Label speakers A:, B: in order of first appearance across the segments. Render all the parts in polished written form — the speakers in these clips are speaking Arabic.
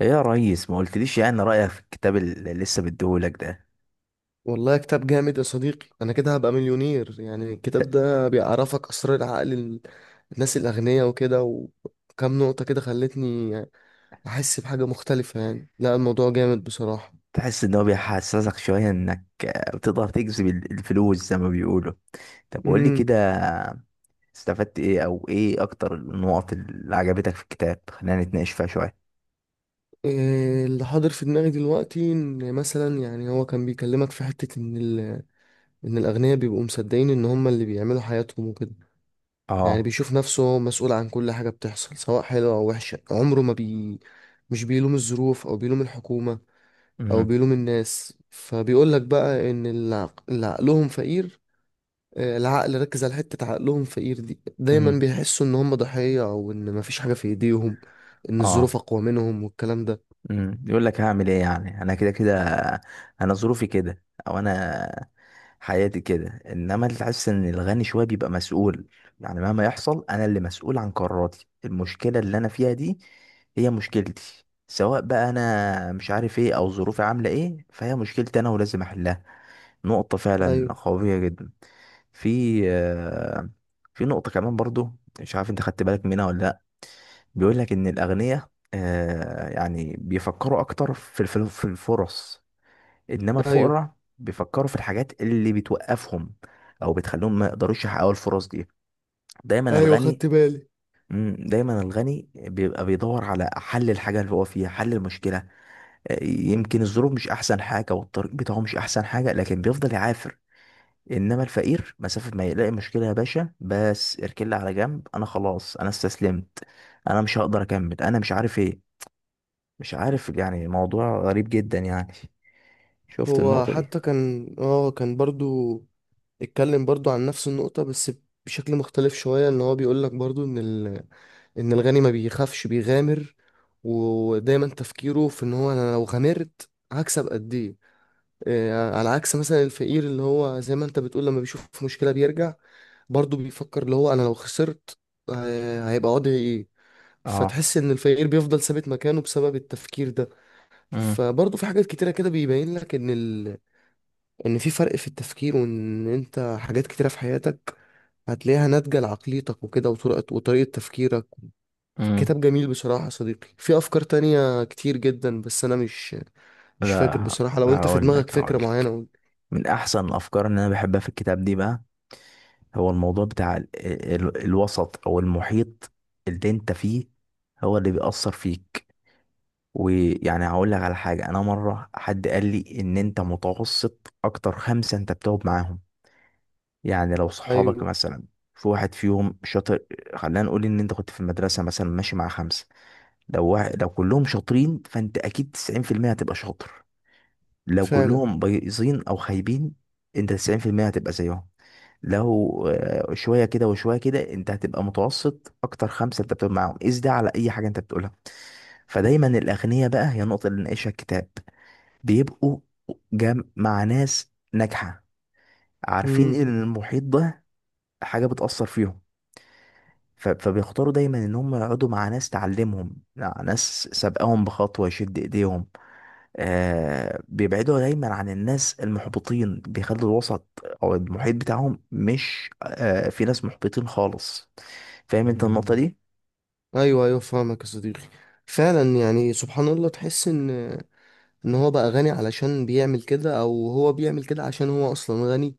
A: ايه يا ريس، ما قلتليش يعني رأيك في الكتاب اللي لسه مديهولك ده؟
B: والله كتاب جامد يا صديقي، انا كده هبقى مليونير. يعني الكتاب ده بيعرفك اسرار العقل الناس الاغنياء وكده، وكم نقطة كده خلتني احس بحاجة مختلفة. يعني لا، الموضوع جامد بصراحة.
A: تحس ان هو بيحسسك شوية انك بتقدر تجذب الفلوس زي ما بيقولوا. طب قولي
B: امم
A: كده، استفدت ايه، او ايه اكتر النقط اللي عجبتك في الكتاب؟ خلينا نتناقش فيها شوية.
B: إيه اللي حاضر في دماغي دلوقتي، ان مثلا يعني هو كان بيكلمك في حتة ان ان الاغنياء بيبقوا مصدقين ان هم اللي بيعملوا حياتهم وكده. يعني
A: اه.
B: بيشوف نفسه هو مسؤول عن كل حاجة بتحصل، سواء حلوة او وحشة. عمره ما مش بيلوم الظروف، او بيلوم الحكومة، او
A: امم.
B: بيلوم الناس. فبيقول لك بقى ان اللي عقلهم فقير، العقل ركز على حتة عقلهم فقير دي، دايما
A: امم.
B: بيحسوا ان هم ضحية، او ان مفيش حاجة في ايديهم، ان الظروف
A: اه.
B: اقوى منهم والكلام ده.
A: امم. يقول لك هعمل ايه، يعني انا كده كده، انا ظروفي كده، او انا حياتي كده. انما اللي حاسس ان الغني شويه بيبقى مسؤول، يعني مهما يحصل انا اللي مسؤول عن قراراتي. المشكله اللي انا فيها دي هي مشكلتي، سواء بقى انا مش عارف ايه او ظروفي عامله ايه، فهي مشكلتي انا ولازم احلها. نقطه فعلا
B: ايوه.
A: قويه جدا. في آه، في نقطه كمان برضو، مش عارف انت خدت بالك منها ولا لا. بيقول لك ان الاغنياء، يعني بيفكروا اكتر في في الفرص، انما
B: ايوه
A: الفقراء بيفكروا في الحاجات اللي بتوقفهم او بتخليهم ما يقدروش يحققوا الفرص دي. دايما
B: ايوه
A: الغني
B: خدت بالي.
A: دايما الغني بيبقى بيدور على حل الحاجة اللي هو فيها، حل المشكلة. يمكن الظروف مش احسن حاجة والطريق بتاعه مش احسن حاجة، لكن بيفضل يعافر. انما الفقير مسافة ما يلاقي مشكلة، يا باشا بس اركل على جنب، انا خلاص انا استسلمت، انا مش هقدر اكمل، انا مش عارف ايه. مش عارف، يعني موضوع غريب جدا يعني. شفت
B: هو
A: النقطة دي؟
B: حتى كان برضو اتكلم برضو عن نفس النقطة، بس بشكل مختلف شوية. ان هو بيقول لك برضو ان ان الغني ما بيخافش، بيغامر، ودايما تفكيره في ان هو انا لو غامرت هكسب قد ايه. على عكس مثلا الفقير، اللي هو زي ما انت بتقول لما بيشوف مشكلة بيرجع، برضه بيفكر اللي هو انا لو خسرت هيبقى وضعي ايه.
A: اه.
B: فتحس ان الفقير بيفضل ثابت مكانه بسبب التفكير ده. فبرضه في حاجات كتيرة كده بيبين لك ان ان في فرق في التفكير، وان انت حاجات كتيرة في حياتك هتلاقيها ناتجة لعقليتك وكده، وطريقة وطريقة تفكيرك.
A: مم.
B: كتاب جميل بصراحة يا صديقي، في أفكار تانية كتير جدا بس أنا مش فاكر
A: لا،
B: بصراحة. لو
A: لا،
B: أنت في
A: هقول
B: دماغك
A: لك هقول
B: فكرة معينة
A: لك
B: قول.
A: من احسن الافكار اللي انا بحبها في الكتاب دي بقى هو الموضوع بتاع ال الوسط او المحيط اللي انت فيه هو اللي بيأثر فيك. ويعني هقول لك على حاجة، انا مرة حد قال لي ان انت متوسط اكتر خمسة انت بتقعد معاهم. يعني لو صحابك
B: أيوه،
A: مثلا في واحد فيهم شاطر، خلينا نقول ان انت كنت في المدرسة مثلا ماشي مع خمسة، لو كلهم شاطرين فانت اكيد 90% هتبقى شاطر. لو
B: فعلا.
A: كلهم بايظين او خايبين، انت 90% هتبقى زيهم. لو شويه كده وشويه كده، انت هتبقى متوسط اكتر خمسه انت بتقول معاهم. قيس ده على اي حاجه انت بتقولها. فدايما الاغنياء بقى، هي النقطه اللي ناقشها الكتاب، بيبقوا جم مع ناس ناجحه، عارفين
B: امم
A: ان المحيط ده حاجه بتاثر فيهم، فبيختاروا دايما ان هم يقعدوا مع ناس تعلمهم، مع ناس سابقاهم بخطوه يشد ايديهم. بيبعدوا دايما عن الناس المحبطين، بيخلوا الوسط او المحيط بتاعهم مش في ناس محبطين خالص. فاهم انت النقطة دي؟
B: ايوه ايوه فاهمك يا صديقي. فعلا يعني سبحان الله، تحس ان ان هو بقى غني علشان بيعمل كده، او هو بيعمل كده عشان هو اصلا غني.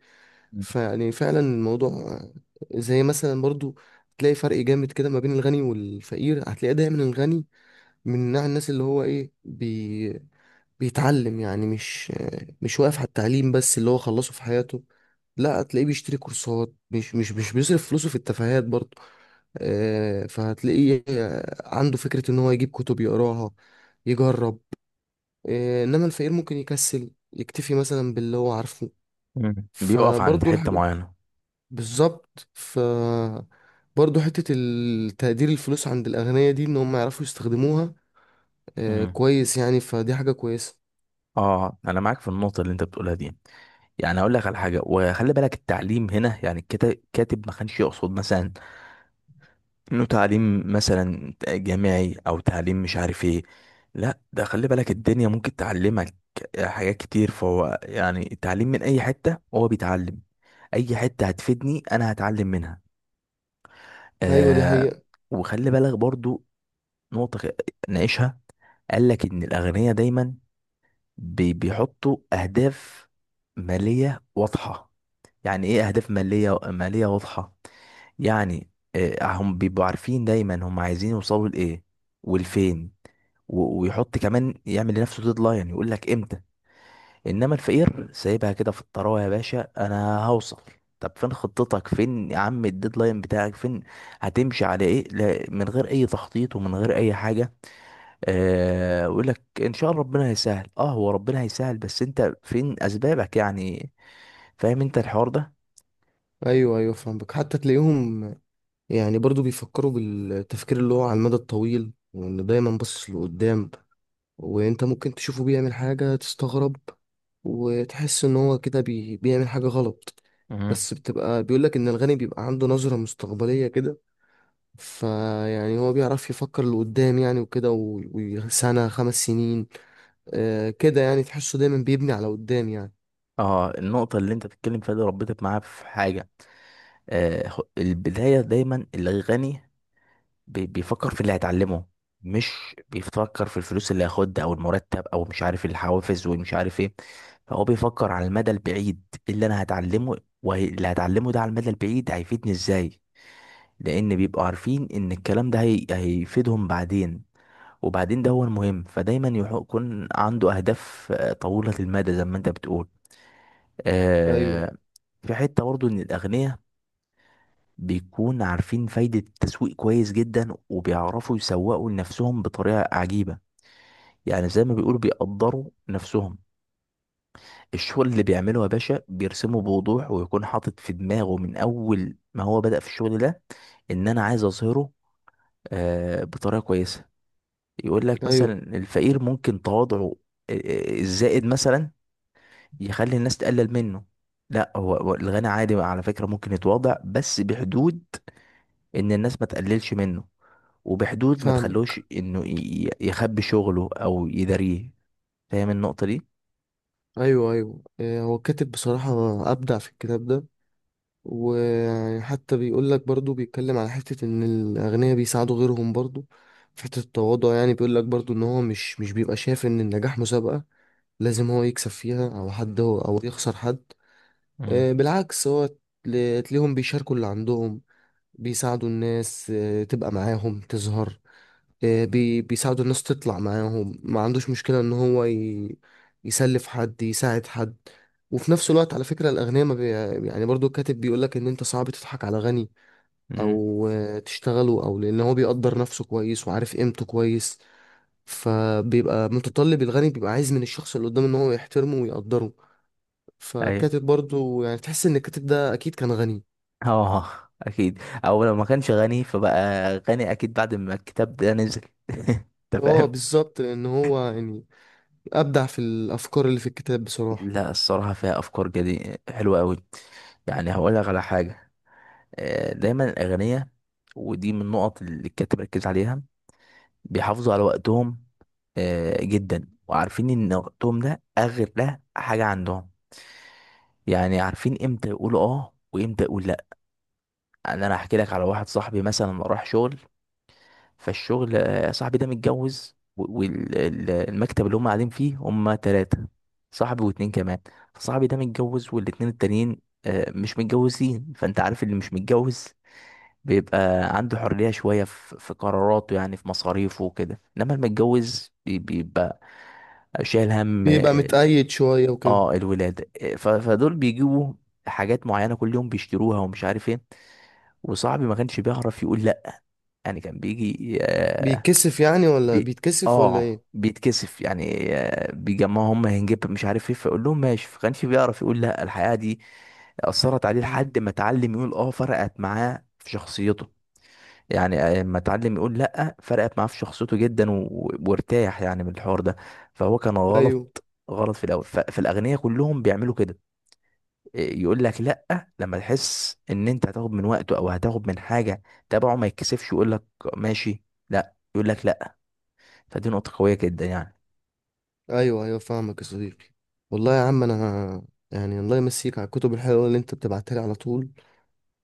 B: فيعني فعلا الموضوع زي مثلا برضو، تلاقي فرق جامد كده ما بين الغني والفقير. هتلاقي دايما الغني من نوع الناس اللي هو ايه بيتعلم، يعني مش واقف على التعليم بس اللي هو خلصه في حياته. لا، هتلاقيه بيشتري كورسات، مش بيصرف فلوسه في التفاهات برضه. فهتلاقيه عنده فكرة إن هو يجيب كتب يقراها، يجرب. إنما الفقير ممكن يكسل، يكتفي مثلا باللي هو عارفه.
A: بيقف عند
B: فبرضه
A: حتة
B: الحاجات،
A: معينة.
B: بالظبط. برضه حتة التقدير الفلوس عند الأغنياء دي، إن هم يعرفوا يستخدموها
A: مم.
B: كويس يعني. فدي حاجة كويسة.
A: اه، انا معاك في النقطة اللي انت بتقولها دي. يعني اقول لك على حاجة، وخلي بالك التعليم هنا، يعني الكاتب ما كانش يقصد مثلا انه تعليم مثلا جامعي او تعليم مش عارف ايه. لا، ده خلي بالك الدنيا ممكن تعلمك حاجات كتير. فهو يعني التعليم من اي حتة هو بيتعلم. اي حتة هتفيدني انا هتعلم منها.
B: أيوة، دي
A: آه
B: حقيقة.
A: وخلي بالك برضو، نقطة ناقشها، قال لك ان الاغنياء دايما بيحطوا اهداف مالية واضحة. يعني ايه اهداف مالية واضحة؟ يعني هم بيبقوا عارفين دايما هم عايزين يوصلوا لايه، والفين. ويحط كمان يعمل لنفسه ديدلاين يقول لك امتى. انما الفقير سايبها كده في الطراوه، يا باشا انا هوصل. طب فين خطتك؟ فين يا عم الديدلاين بتاعك؟ فين هتمشي على ايه؟ لا، من غير اي تخطيط ومن غير اي حاجه. يقول لك ان شاء الله ربنا هيسهل. اه، هو ربنا هيسهل، بس انت فين اسبابك يعني؟ فاهم انت الحوار ده؟
B: أيوة أيوة فاهمك. حتى تلاقيهم يعني برضه بيفكروا بالتفكير اللي هو على المدى الطويل، وإنه دايما باصص لقدام. وانت ممكن تشوفه بيعمل حاجة تستغرب، وتحس ان هو كده بيعمل حاجة غلط،
A: مهم.
B: بس بتبقى بيقولك ان الغني بيبقى عنده نظرة مستقبلية كده. فيعني هو بيعرف يفكر لقدام، يعني وكده و... وسنة، 5 سنين، كده يعني. تحسه دايما بيبني على قدام يعني.
A: اه، النقطه اللي انت بتتكلم فيها دي ربطت معايا في حاجه. البداية دايما الغني بيفكر في اللي هيتعلمه. مش بيفكر في الفلوس اللي هياخدها او المرتب او مش عارف الحوافز ومش عارف ايه. فهو بيفكر على المدى البعيد. إيه اللي انا هتعلمه، واللي هتعلمه ده على المدى البعيد هيفيدني ازاي؟ لان بيبقوا عارفين ان الكلام ده هيفيدهم بعدين. وبعدين ده هو المهم. فدايما يكون عنده اهداف طويلة المدى زي ما انت بتقول.
B: ايوه.
A: آه، في حتة برضو ان الاغنياء بيكون عارفين فايدة التسويق كويس جدا، وبيعرفوا يسوقوا لنفسهم بطريقة عجيبة. يعني زي ما بيقولوا بيقدروا نفسهم. الشغل اللي بيعمله يا باشا بيرسمه بوضوح، ويكون حاطط في دماغه من أول ما هو بدأ في الشغل ده، إن أنا عايز أظهره بطريقة كويسة. يقول لك مثلا
B: ايوه
A: الفقير ممكن تواضعه الزائد مثلا يخلي الناس تقلل منه. لا، هو الغني عادي على فكرة ممكن يتواضع، بس بحدود ان الناس ما تقللش منه، وبحدود ما تخلوش
B: فاهمك.
A: انه يخبي شغله او يداريه. فاهم النقطة دي؟
B: ايوه ايوه، هو كاتب بصراحة ابدع في الكتاب ده. وحتى بيقول لك برضو، بيتكلم على حتة ان الاغنياء بيساعدوا غيرهم برضو في حتة التواضع. يعني بيقول لك برضو ان هو مش بيبقى شايف ان النجاح مسابقة لازم هو يكسب فيها، او حد هو او يخسر حد.
A: امم.
B: بالعكس، هو تلاقيهم بيشاركوا اللي عندهم، بيساعدوا الناس تبقى معاهم تظهر، آه، بي بيساعدوا الناس تطلع معاهم، ما عندوش مشكلة ان هو يسلف حد، يساعد حد. وفي نفس الوقت، على فكرة، الأغنياء ما بي... يعني برضو الكاتب بيقولك إن أنت صعب تضحك على غني،
A: امم.
B: أو تشتغله، أو لأن هو بيقدر نفسه كويس وعارف قيمته كويس. فبيبقى متطلب، الغني بيبقى عايز من الشخص اللي قدامه إن هو يحترمه ويقدره.
A: ايوه.
B: فالكاتب برضو، يعني تحس إن الكاتب ده أكيد كان غني.
A: اه، اكيد. او لو ما كانش غني فبقى غني اكيد بعد ما الكتاب ده نزل. انت
B: اه،
A: فاهم.
B: بالظبط، لأن هو يعني أبدع في الأفكار اللي في الكتاب بصراحة.
A: لا، الصراحة فيها افكار جديدة حلوة قوي. يعني هقول لك على حاجة، دايما الاغنية، ودي من النقط اللي الكاتب ركز عليها، بيحافظوا على وقتهم جدا، وعارفين ان وقتهم ده اغلى حاجه عندهم. يعني عارفين امتى يقولوا اه، وامتى يقول لا. يعني انا هحكي لك على واحد صاحبي مثلا راح شغل، فالشغل صاحبي ده متجوز، والمكتب اللي هم قاعدين فيه هم ثلاثه، صاحبي واتنين كمان. فصاحبي ده متجوز، والاتنين التانيين مش متجوزين. فانت عارف اللي مش متجوز بيبقى عنده حرية شوية في قراراته، يعني في مصاريفه وكده، انما المتجوز بيبقى شايل هم
B: بيبقى متأيد شوية وكده.
A: الولادة. فدول بيجيبوا حاجات معينة كل يوم بيشتروها ومش عارف ايه، وصاحبي ما كانش بيعرف يقول لا. يعني كان بيجي آه
B: بيتكسف يعني، ولا
A: بي
B: بيتكسف، ولا
A: اه
B: ايه؟
A: بيتكسف يعني، بيجمعوا هم هنجيب مش عارف ايه فيقول لهم ماشي، فكانش بيعرف يقول لا. الحقيقة دي أثرت عليه
B: مم.
A: لحد ما اتعلم يقول اه، فرقت معاه في شخصيته. يعني اما اتعلم يقول لا فرقت معاه في شخصيته جدا، وارتاح يعني من الحوار ده. فهو كان
B: ايوه
A: غلط، غلط في الاول. فالاغنياء كلهم بيعملوا كده. إيه، يقول لك لا لما تحس ان انت هتاخد من وقته او هتاخد من حاجه تبعه، ما يتكسفش يقول لك ماشي. لا، يقول لك لا. فدي نقطه قويه جدا يعني.
B: ايوه. ايوه فاهمك يا صديقي. والله يا عم انا يعني الله يمسيك على الكتب الحلوه اللي انت بتبعتها لي على طول.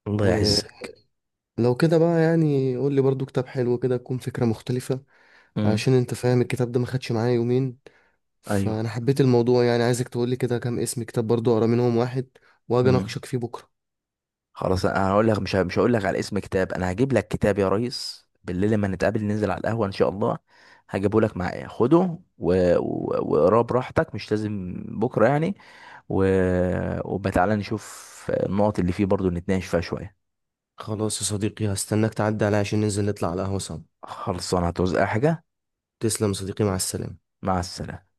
A: الله
B: ولو
A: يعزك.
B: كده بقى يعني قول لي برضو كتاب حلو كده، تكون فكره مختلفه،
A: امم.
B: عشان انت فاهم الكتاب ده ما خدش معايا يومين.
A: ايوه.
B: فانا حبيت الموضوع، يعني عايزك تقول لي كده كام اسم كتاب برضو اقرا منهم واحد، واجي
A: مم.
B: اناقشك فيه بكره.
A: خلاص، انا هقول لك، مش هقول لك على اسم كتاب، انا هجيب لك كتاب يا ريس بالليل لما نتقابل ننزل على القهوة ان شاء الله. هجيبه لك معايا، خده واقراه براحتك، مش لازم بكرة يعني. و... وبقى تعالى نشوف النقط اللي فيه برضو نتناقش فيها شوية.
B: خلاص يا صديقي، هستناك تعدي عليا عشان ننزل نطلع على القهوه سوا.
A: خلصانة، هتعوز اي حاجة؟
B: تسلم يا صديقي، مع السلامه.
A: مع السلامة.